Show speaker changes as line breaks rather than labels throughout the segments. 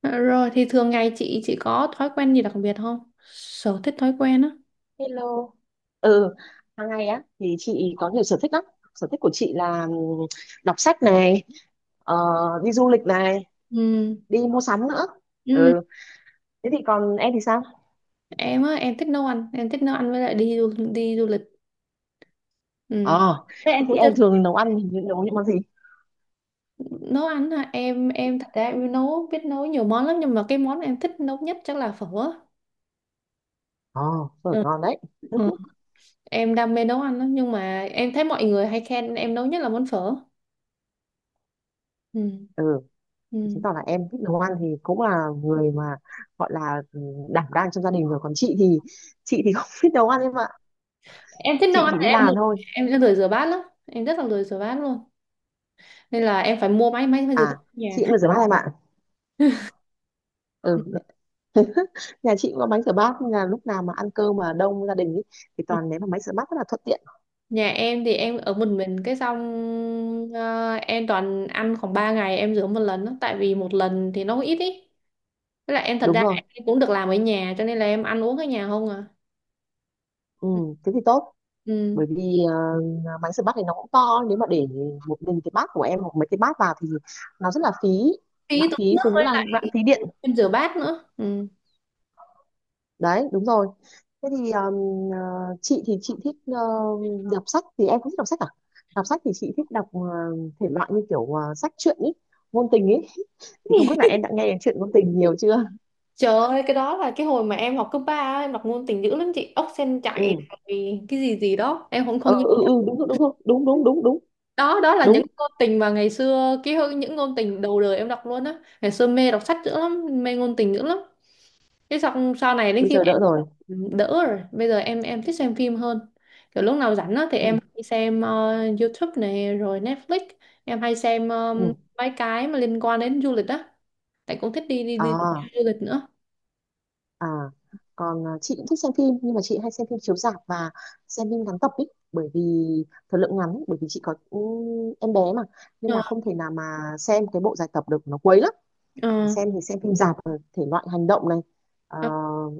Ờ, rồi thì thường ngày chị có thói quen gì đặc biệt không? Sở thích, thói quen á.
Hello. Ừ, hàng ngày á thì chị có nhiều sở thích lắm. Sở thích của chị là đọc sách này, ờ, đi du lịch này,
Ừ.
đi mua sắm nữa.
Ừ.
Ừ, thế thì còn em thì sao?
Em á, em thích nấu ăn, với lại đi du lịch. Ừ.
Ờ,
Thế
thế
em
thì
cũng chưa
em
thích
thường nấu ăn thì nấu những món gì?
nấu ăn hả? Em thật ra em biết nấu nhiều món lắm, nhưng mà cái món em thích nấu nhất chắc là phở á.
Ờ, phở
Ừ.
ngon đấy.
Ừ. Em đam mê nấu ăn lắm nhưng mà em thấy mọi người hay khen em nấu nhất là món phở. Ừ.
Ừ, chứng
Ừ.
tỏ là em thích nấu ăn thì cũng là người mà gọi là đảm đang trong gia đình rồi. Còn chị thì không biết nấu ăn em ạ.
Em thích nấu
Chị
ăn
chỉ
thì
đi làm thôi.
em lười rửa bát lắm. Em rất là lười rửa bát luôn. Nên là em phải mua máy máy rửa bát
À,
ở nhà.
chị cũng là rửa bát em ạ. Ừ, nhà chị cũng có bánh rửa bát, nên là lúc nào mà ăn cơm mà đông gia đình ý, thì toàn ném vào máy rửa bát rất là thuận tiện.
Nhà em thì em ở một mình, cái xong em toàn ăn khoảng 3 ngày em rửa một lần đó, tại vì một lần thì nó cũng ít ý. Với lại em thật
Đúng
ra
rồi,
em cũng được làm ở nhà, cho nên là em ăn uống ở nhà không à.
ừ, thế thì tốt,
Ừ.
bởi vì ờ, máy rửa bát thì nó cũng to, nếu mà để một mình cái bát của em hoặc mấy cái bát vào thì nó rất là phí, lãng
Phí tốn
phí,
nước
rồi nữa
với
là
lại
lãng phí điện.
em rửa bát nữa. Ừ.
Đấy đúng rồi. Thế thì ờ, ờ, chị thì chị thích ờ, đọc sách. Thì em cũng thích đọc sách à? Đọc sách thì chị thích đọc ờ, thể loại như kiểu ờ, sách truyện ý, ngôn tình ý. Thì không biết là em đã nghe đến chuyện ngôn tình nhiều chưa.
Trời ơi, cái đó là cái hồi mà em học cấp 3 á, em đọc ngôn tình dữ lắm chị, ốc sen chạy
Ừ
rồi cái gì gì đó, em không
ừ
không nhớ.
ừ ừ đúng rồi, đúng rồi, đúng đúng đúng đúng
Đó đó là những
đúng.
ngôn tình mà ngày xưa, những ngôn tình đầu đời em đọc luôn á. Ngày xưa mê đọc sách dữ lắm, mê ngôn tình dữ lắm, cái xong sau này đến
Bây
khi
giờ
mà em
đỡ rồi.
đỡ rồi, bây giờ em thích xem phim hơn. Kiểu lúc nào rảnh á thì em
Ừ
hay xem YouTube này rồi Netflix. Em hay xem
ừ.
mấy cái mà liên quan đến du lịch á, tại cũng thích đi đi đi
À
du lịch nữa.
à còn à, chị cũng thích xem phim, nhưng mà chị hay xem phim chiếu rạp và xem phim ngắn tập ý, bởi vì thời lượng ngắn, bởi vì chị có ừ, em bé mà, nên
Ờ,
là không thể nào mà xem cái bộ dài tập được, nó quấy lắm.
ờ,
Xem thì xem phim rạp rồi, thể loại hành động này, à,
ờ,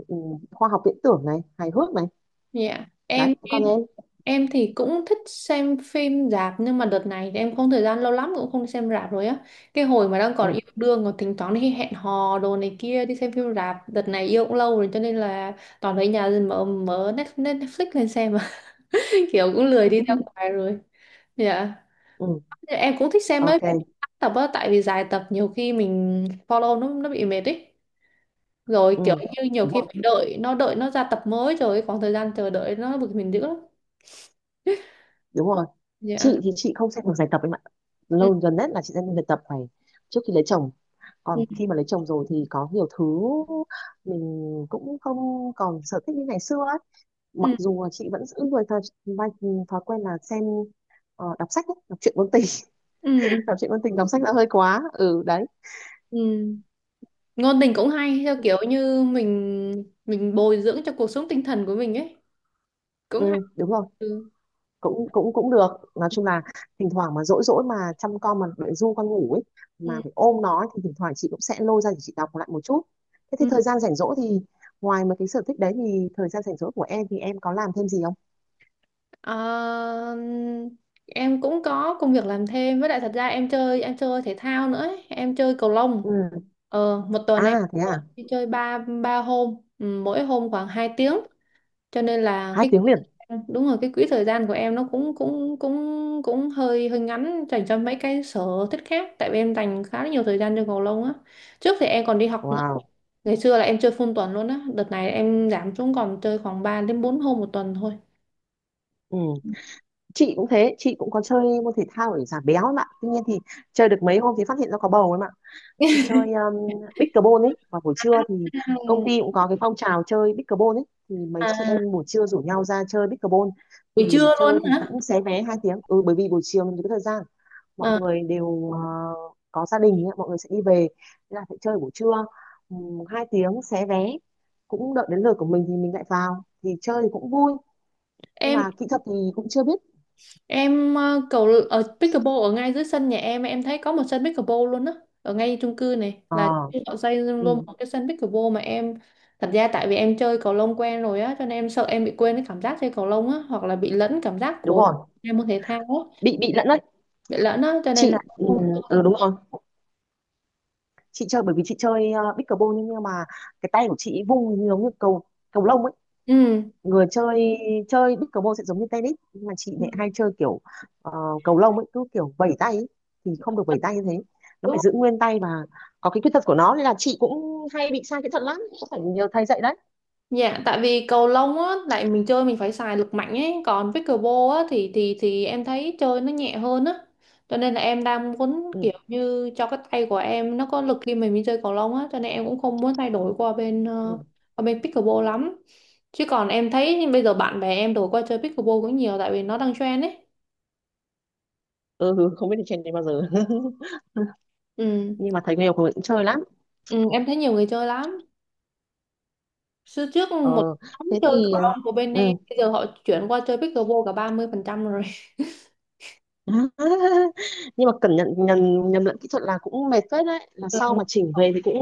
ừ, khoa học viễn tưởng này, hài hước này.
dạ.
Đấy còn em.
Em thì cũng thích xem phim rạp nhưng mà đợt này thì em không thời gian lâu lắm cũng không đi xem rạp rồi á. Cái hồi mà đang còn
Ừ.
yêu đương còn thỉnh thoảng đi hẹn hò đồ này kia, đi xem phim rạp. Đợt này yêu cũng lâu rồi cho nên là toàn ở nhà mở mở Net- Net- Netflix lên xem mà kiểu cũng lười đi ra ngoài rồi. Dạ.
Ừ,
Em cũng thích xem mấy
ok.
tập á, tại vì dài tập nhiều khi mình follow nó bị mệt ấy. Rồi
Ừ.
kiểu như nhiều
Đúng
khi
rồi.
phải đợi nó ra tập mới rồi khoảng thời gian chờ đợi nó bực mình dữ lắm.
Đúng rồi,
Dạ.
chị thì chị không xem được giải tập em ạ.
Ừ.
Lâu gần nhất là chị xem giải tập phải trước khi lấy chồng.
Ừ.
Còn khi mà lấy chồng rồi thì có nhiều thứ mình cũng không còn sở thích như ngày xưa ấy. Mặc
Ừ.
dù là chị vẫn giữ người thói, thói, thói quen là xem ờ, đọc sách ấy, đọc truyện ngôn tình.
Ừ, ừ,
Đọc truyện ngôn tình, đọc sách đã hơi quá, ừ đấy.
ừ. Ngôn tình cũng hay, theo kiểu như mình bồi dưỡng cho cuộc sống tinh thần của mình ấy, cũng hay.
Ừ đúng rồi,
Ừ,
cũng cũng cũng được. Nói chung là thỉnh thoảng mà dỗi dỗi mà chăm con mà để ru con ngủ ấy, mà
ừ,
phải ôm nó ấy, thì thỉnh thoảng chị cũng sẽ lôi ra để chị đọc lại một chút. Thế thì
ừ.
thời gian rảnh rỗi thì ngoài mấy cái sở thích đấy, thì thời gian rảnh rỗi của em thì em có làm thêm gì không?
Ờ, em cũng có công việc làm thêm, với lại thật ra em chơi thể thao nữa ấy. Em chơi cầu lông,
Ừ.
một tuần em
À thế à.
đi chơi ba ba hôm, ừ, mỗi hôm khoảng 2 tiếng, cho nên là
hai
cái,
tiếng liền
đúng rồi, cái quỹ thời gian của em nó cũng cũng cũng cũng hơi hơi ngắn dành cho mấy cái sở thích khác, tại vì em dành khá là nhiều thời gian cho cầu lông á. Trước thì em còn đi học nữa.
Wow.
Ngày xưa là em chơi full tuần luôn á, đợt này em giảm xuống còn chơi khoảng 3 đến 4 hôm một tuần thôi.
Ừ chị cũng thế, chị cũng có chơi môn thể thao để giảm béo ấy mà, tuy nhiên thì chơi được mấy hôm thì phát hiện ra có bầu ấy mà. Chị chơi pickleball ấy vào buổi trưa, thì công
Ừ.
ty cũng có cái phong trào chơi pickleball ấy, thì mấy chị
À,
em buổi trưa rủ nhau ra chơi pickleball,
buổi
thì
trưa luôn
chơi thì
hả?
cũng xé vé 2 tiếng, ừ, bởi vì buổi chiều mình có thời gian, mọi
Ờ,
người đều ờ, có gia đình ấy, mọi người sẽ đi về, nên là phải chơi buổi trưa, 2 tiếng xé vé, cũng đợi đến lượt của mình thì mình lại vào, thì chơi thì cũng vui, nhưng
em
mà kỹ thuật thì cũng chưa biết.
em ờ, cầu ở pickleball, ở ngay dưới sân nhà em thấy có một sân pickleball luôn á, ở ngay chung cư này là
Ờ.
họ xây luôn
Ừ,
một cái sân pickleball mà em, thật ra tại vì em chơi cầu lông quen rồi á, cho nên em sợ em bị quên cái cảm giác chơi cầu lông á, hoặc là bị lẫn cảm giác
đúng
của
rồi,
em môn thể thao á,
bị lẫn đấy.
bị lẫn á, cho nên là
Chị ừ,
không.
ừ, đúng rồi, chị chơi bởi vì chị chơi pickleball, nhưng mà cái tay của chị vung giống như cầu cầu lông ấy.
Ừ.
Người chơi chơi pickleball sẽ giống như tennis, nhưng mà chị lại hay chơi kiểu ờ, cầu lông ấy, cứ kiểu vẩy tay ấy. Thì không được vẩy tay như thế, nó phải
Đúng.
giữ nguyên tay, và có cái khuyết tật của nó, nên là chị cũng hay bị sai kỹ thuật lắm, cũng phải nhờ thầy dạy đấy.
Dạ, tại vì cầu lông á, lại mình chơi mình phải xài lực mạnh ấy, còn pickleball á, thì em thấy chơi nó nhẹ hơn á. Cho nên là em đang muốn
Ừ,
kiểu như cho cái tay của em nó có lực khi mình đi chơi cầu lông á, cho nên em cũng không muốn thay đổi qua bên
ừ.
qua bên pickleball lắm. Chứ còn em thấy bây giờ bạn bè em đổi qua chơi pickleball cũng nhiều, tại vì nó đang trend ấy.
Ừ không biết đi trên đấy bao giờ.
Ừ.
Nhưng mà thầy nghèo của mình cũng chơi lắm.
Ừ, em thấy nhiều người chơi lắm. Xưa trước
Ờ
một nhóm
thế
chơi
thì
cầu
ờ,
lông của bên
ừ.
em, bây giờ họ chuyển qua chơi pickleball cả 30% rồi.
Nhưng mà cẩn nhận nhầm, nhầm lẫn kỹ thuật là cũng mệt phết đấy, là
Ừ.
sau mà chỉnh về thì cũng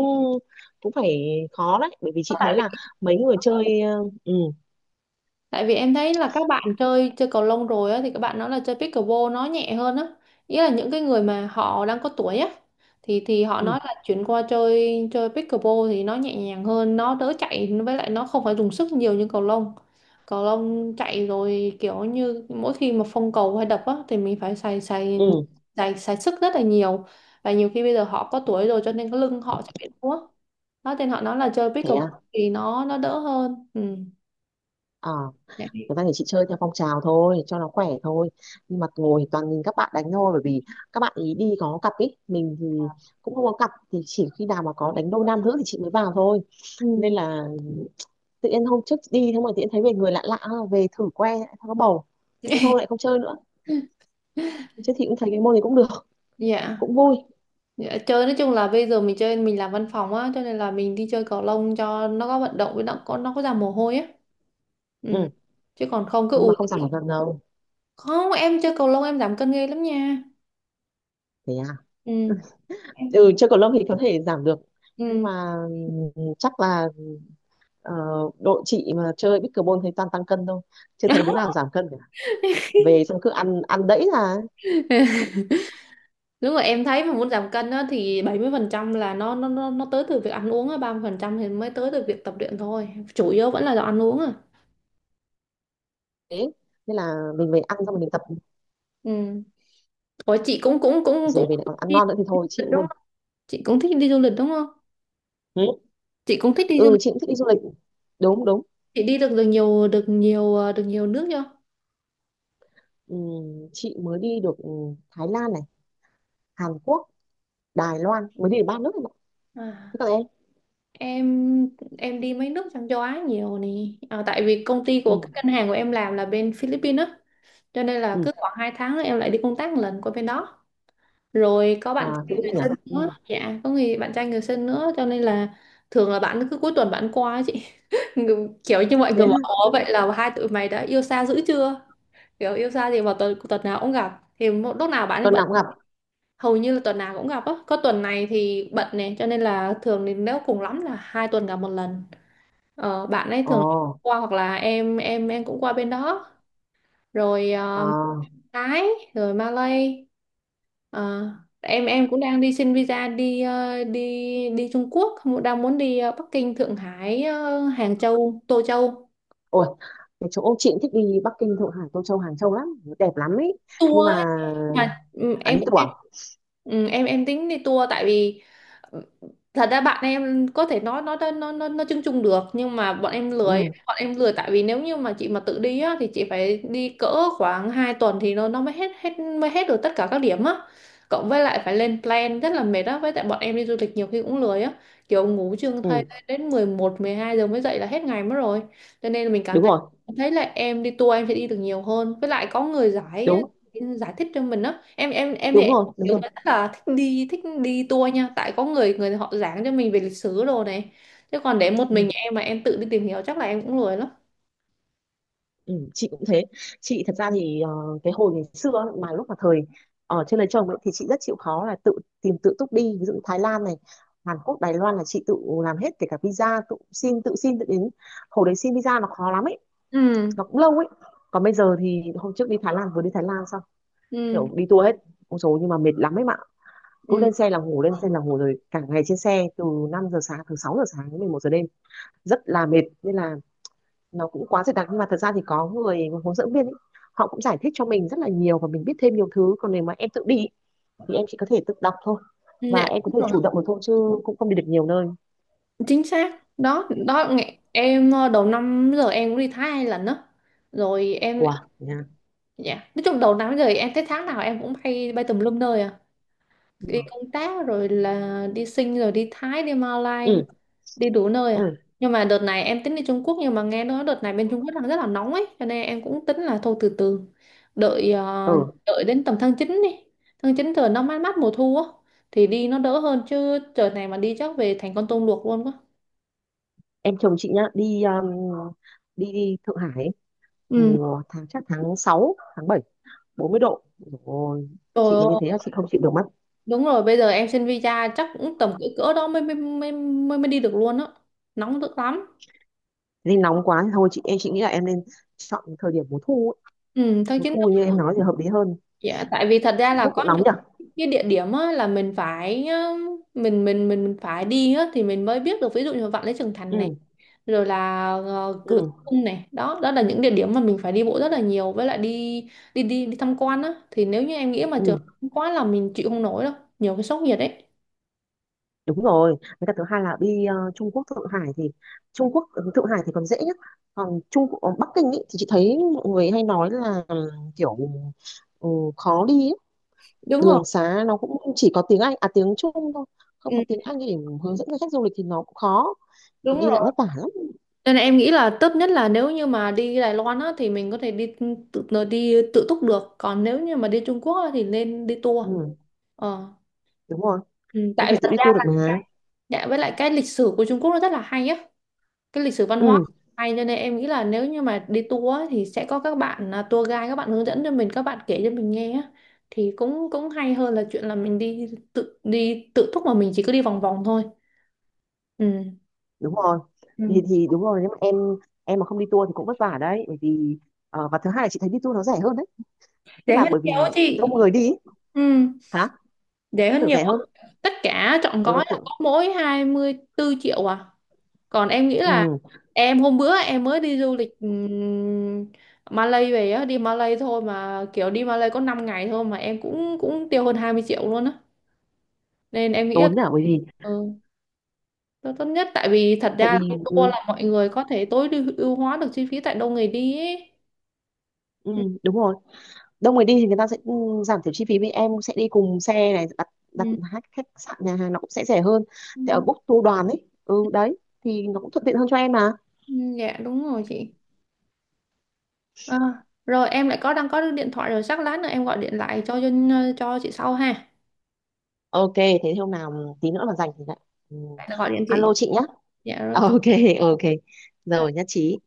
cũng phải khó đấy, bởi vì chị thấy
Tại
là mấy người chơi ờ, ừ.
Tại vì em thấy là các bạn chơi chơi cầu lông rồi á, thì các bạn nói là chơi pickleball nó nhẹ hơn á. Ý là những cái người mà họ đang có tuổi á, thì họ
Ừ
nói là chuyển qua chơi chơi pickleball thì nó nhẹ nhàng hơn, nó đỡ chạy, với lại nó không phải dùng sức nhiều như cầu lông. Cầu lông chạy rồi kiểu như mỗi khi mà phong cầu hay đập á thì mình phải xài xài
ừ
xài xài sức rất là nhiều, và nhiều khi bây giờ họ có tuổi rồi, cho nên cái lưng họ sẽ bị đau á. Đó nên họ nói là chơi
thế
pickleball
à.
thì nó đỡ hơn. Ừ.
Ờ,
Dạ.
người ta thì chị chơi theo phong trào thôi cho nó khỏe thôi, nhưng mà ngồi toàn nhìn các bạn đánh thôi, bởi vì các bạn ý đi có cặp ý, mình thì cũng không có cặp, thì chỉ khi nào mà có đánh đôi nam nữ thì chị mới vào thôi, nên
Ừ.
là tự nhiên hôm trước đi thế mà tự nhiên thấy về người lạ lạ, à, về thử que lại thấy có bầu, thế thôi lại không chơi nữa. Chứ thì cũng thấy cái môn này cũng được,
Dạ,
cũng vui.
dạ, chơi nói chung là bây giờ mình chơi, mình làm văn phòng á, cho nên là mình đi chơi cầu lông cho nó có vận động, với nó có ra mồ hôi á. Ừ.
Ừ,
Chứ còn không cứ
nhưng mà không giảm được cân đâu.
không, em chơi cầu lông em giảm cân ghê lắm nha.
Thế à?
Ừ.
Ừ, chơi cầu lông thì có thể giảm được. Nhưng
Ừ.
mà ừ, chắc là ờ, đội chị mà chơi pickleball thấy toàn tăng cân thôi. Chưa thấy đứa nào giảm cân cả. Về xong cứ ăn ăn đẫy là
Đúng rồi, em thấy mà muốn giảm cân á thì 70% là nó tới từ việc ăn uống á, 30% thì mới tới từ việc tập luyện thôi. Chủ yếu vẫn là do ăn uống à.
thế. Nên là mình về ăn xong rồi mình tập,
Ừ. Ủa chị cũng cũng cũng
về
cũng
về lại còn ăn
đi
ngon nữa thì thôi
du lịch
chịu
đúng
luôn.
không? Chị cũng thích đi du lịch đúng không?
Ừ,
Chị cũng thích đi du
ừ chị cũng thích đi du lịch. Đúng đúng.
Chị đi được được nhiều, được nhiều nước chưa?
Ừ, chị mới đi được ừ, Thái Lan này, Hàn Quốc, Đài Loan, mới đi được 3 nước này.
À.
Thế còn em?
Em em đi mấy nước trong châu Á nhiều nè. Tại vì công ty
Ừ,
của cái ngân hàng của em làm là bên Philippines á, cho nên là
ừ.
cứ khoảng 2 tháng là em lại đi công tác một lần qua bên đó. Rồi có bạn
À,
trai người
Philippines
sinh
à?
nữa,
Ừ.
dạ, có người bạn trai người sinh nữa, cho nên là thường là bạn cứ cuối tuần bạn qua á chị. Kiểu như mọi
Thế
người
à?
bảo "Ủa, vậy là hai tụi mày đã yêu xa dữ chưa?" Kiểu yêu xa thì vào tuần tuần nào cũng gặp. Thì một lúc nào bạn,
Tuần nào cũng gặp.
hầu như là tuần nào cũng gặp á, có tuần này thì bận này, cho nên là thường thì nếu cùng lắm là 2 tuần gặp một lần. Bạn ấy
Ồ.
thường qua, hoặc là em cũng qua bên đó rồi.
Ờ.
Ờ, Thái, rồi Malay. Ờ, em cũng đang đi xin visa đi ờ, đi đi Trung Quốc, đang muốn đi Bắc Kinh, Thượng Hải, Hàng Châu, Tô Châu.
Ôi cái chỗ chị cũng thích đi Bắc Kinh Thượng Hải Tô Châu Hàng Châu lắm, đẹp lắm ấy, nhưng mà
Tour. Mà, ừ,
à
em
lý
cũng
tưởng.
ừ, em tính đi tour, tại vì ừ, thật ra bạn em có thể nói nó chung chung được, nhưng mà bọn em lười
Ừ
bọn em lười tại vì nếu như mà chị mà tự đi á, thì chị phải đi cỡ khoảng 2 tuần thì nó mới hết hết mới hết được tất cả các điểm á, cộng với lại phải lên plan rất là mệt á, với tại bọn em đi du lịch nhiều khi cũng lười á, kiểu ngủ trương
ừ
thay đến 11, 12 giờ mới dậy là hết ngày mất rồi, cho nên là mình cảm
đúng
thấy
rồi,
thấy là em đi tour em sẽ đi được nhiều hơn, với lại có người giải
đúng
giải thích cho mình á. Thì
đúng
em
rồi đúng
kiểu người
rồi.
rất là thích đi tour nha, tại có người người họ giảng cho mình về lịch sử đồ này, chứ còn để một
Ừ,
mình em mà em tự đi tìm hiểu chắc là em cũng lười lắm.
ừ. Chị cũng thế, chị thật ra thì ờ, cái hồi ngày xưa ấy, mà lúc mà thời ở trên lấy chồng ấy, thì chị rất chịu khó là tự tìm tự túc đi, ví dụ Thái Lan này, Hàn Quốc, Đài Loan là chị tự làm hết, kể cả visa tự xin, tự xin tự đến. Hồi đấy xin visa nó khó lắm ấy,
Ừ,
nó cũng lâu ấy. Còn bây giờ thì hôm trước đi Thái Lan, vừa đi Thái Lan xong,
ừ,
kiểu đi tour hết. Ôi dồi nhưng mà mệt lắm ấy mà, cứ
ừ.
lên xe là ngủ, lên xe là ngủ, rồi cả ngày trên xe từ 5 giờ sáng, từ 6 giờ sáng đến 11 giờ đêm, rất là mệt, nên là nó cũng quá dày đặc. Nhưng mà thật ra thì có người hướng dẫn viên ấy, họ cũng giải thích cho mình rất là nhiều và mình biết thêm nhiều thứ. Còn nếu mà em tự đi ý, thì em chỉ có thể tự đọc thôi, và
Dạ,
em có
đúng
thể
rồi.
chủ động được thôi, chứ cũng không đi được nhiều nơi.
Chính xác. Đó đó nghe- em ờ, Đầu năm giờ em cũng đi Thái 2 lần đó, rồi em,
Wow nha.
dạ, nói chung đầu năm giờ em thấy tháng nào em cũng bay bay tùm lum nơi à,
Ừ.
đi công tác rồi là đi Sing, rồi đi Thái, đi Malai,
Ừ
đi đủ nơi à.
ừ
Nhưng mà đợt này em tính đi Trung Quốc, nhưng mà nghe nói đợt này bên Trung Quốc đang rất là nóng ấy, cho nên em cũng tính là thôi từ từ, đợi
ừ
đợi đến tầm tháng 9 đi, tháng 9 trời nó mát mát mùa thu á, thì đi nó đỡ hơn, chứ trời này mà đi chắc về thành con tôm luộc luôn quá.
em chồng chị nhá đi đi, Thượng Hải ấy,
Ừ.
mùa tháng chắc tháng 6, tháng 7. 40 độ rồi,
Trời
chị mà như thế là
ơi,
chị không chịu được mất.
đúng rồi, bây giờ em xin visa chắc cũng tầm cỡ cỡ đó mới mới mới mới, mới đi được luôn á, nóng dữ lắm.
Nên nóng quá thì thôi, chị em chị nghĩ là em nên chọn thời điểm mùa thu ấy.
Ừ, tháng
Mùa
9.
thu như em nói thì hợp lý hơn.
Dạ, tại vì thật ra
Trung
là
Quốc
có
cũng nóng
những
nhỉ.
cái địa điểm á, là mình phải mình phải đi á thì mình mới biết được, ví dụ như Vạn Lý Trường Thành này,
Ừ
rồi là Cửa
ừ
Cung này, đó đó là những địa điểm mà mình phải đi bộ rất là nhiều, với lại đi đi đi đi tham quan á, thì nếu như em nghĩ mà trường
ừ
quá là mình chịu không nổi đâu, nhiều cái sốc nhiệt ấy.
đúng rồi, với cả thứ hai là đi ờ, Trung Quốc, Thượng Hải thì Trung Quốc ừ, Thượng Hải thì còn dễ nhất, còn Trung Quốc- còn Bắc Kinh ý, thì chị thấy mọi người hay nói là ừ, kiểu ừ, khó đi ấy.
Đúng rồi.
Đường xá nó cũng chỉ có tiếng Anh, à tiếng Trung thôi, không có
Ừ,
tiếng Anh để hướng dẫn cho khách du lịch thì nó cũng khó, thì
đúng
đi lại
rồi,
vất vả lắm.
nên là em nghĩ là tốt nhất là nếu như mà đi Đài Loan á thì mình có thể đi tự tự- đi tự túc được, còn nếu như mà đi Trung Quốc á, thì nên đi tour.
Ừ
Ờ.
đúng rồi,
Ừ,
em
tại
phải tự
thật
đi
ra,
tour được mà.
dạ, với lại cái lịch sử của Trung Quốc nó rất là hay á, cái lịch sử văn hóa
Ừ
hay, cho nên em nghĩ là nếu như mà đi tour á, thì sẽ có các bạn à, tour guide các bạn hướng dẫn cho mình, các bạn kể cho mình nghe á, thì cũng cũng hay hơn là chuyện là mình đi tự túc mà mình chỉ cứ đi vòng vòng thôi. Ừ.
đúng rồi,
Ừ.
thì đúng rồi, nếu mà em mà không đi tour thì cũng vất vả đấy, bởi vì ờ, và thứ hai là chị thấy đi tour nó rẻ hơn đấy, tức
Rẻ
là
hơn
bởi vì
nhiều á
đông
chị.
người đi ý.
Ừ.
Hả?
Rẻ hơn
Tưởng
nhiều
rẻ hơn.
á. Tất cả trọn
Ừ,
gói là
tưởng.
có mỗi 24 triệu à, còn em nghĩ là
Ừ,
em, hôm bữa em mới đi du lịch Malay về á, đi Malay thôi mà kiểu đi Malay có 5 ngày thôi mà em cũng cũng tiêu hơn 20 triệu luôn á. Nên em nghĩ là,
tốn à, bởi vì
ừ, nó tốt nhất, tại vì thật
tại
ra là
vì
cái tour
ừ,
là mọi người có thể tối ưu ưu hóa được chi phí, tại đâu người đi ấy.
ừ,
Ừ,
đúng rồi, đông người đi thì người ta sẽ ừ, giảm thiểu chi phí, vì em sẽ đi cùng xe này, đặt đặt
ừ,
khách khách sạn nhà hàng nó cũng sẽ rẻ hơn,
ừ,
thì ở book tour đoàn ấy ừ đấy, thì nó cũng thuận tiện hơn cho em mà.
ừ, dạ, đúng rồi chị. À, rồi em lại đang có được điện thoại rồi, chắc lát nữa em gọi điện lại cho cho chị sau ha.
Ok thế hôm nào tí nữa mà rảnh thì lại ừ,
Lại là gọi điện chị.
alo chị nhá.
Dạ rồi.
Ok. Ok. Rồi nhất trí.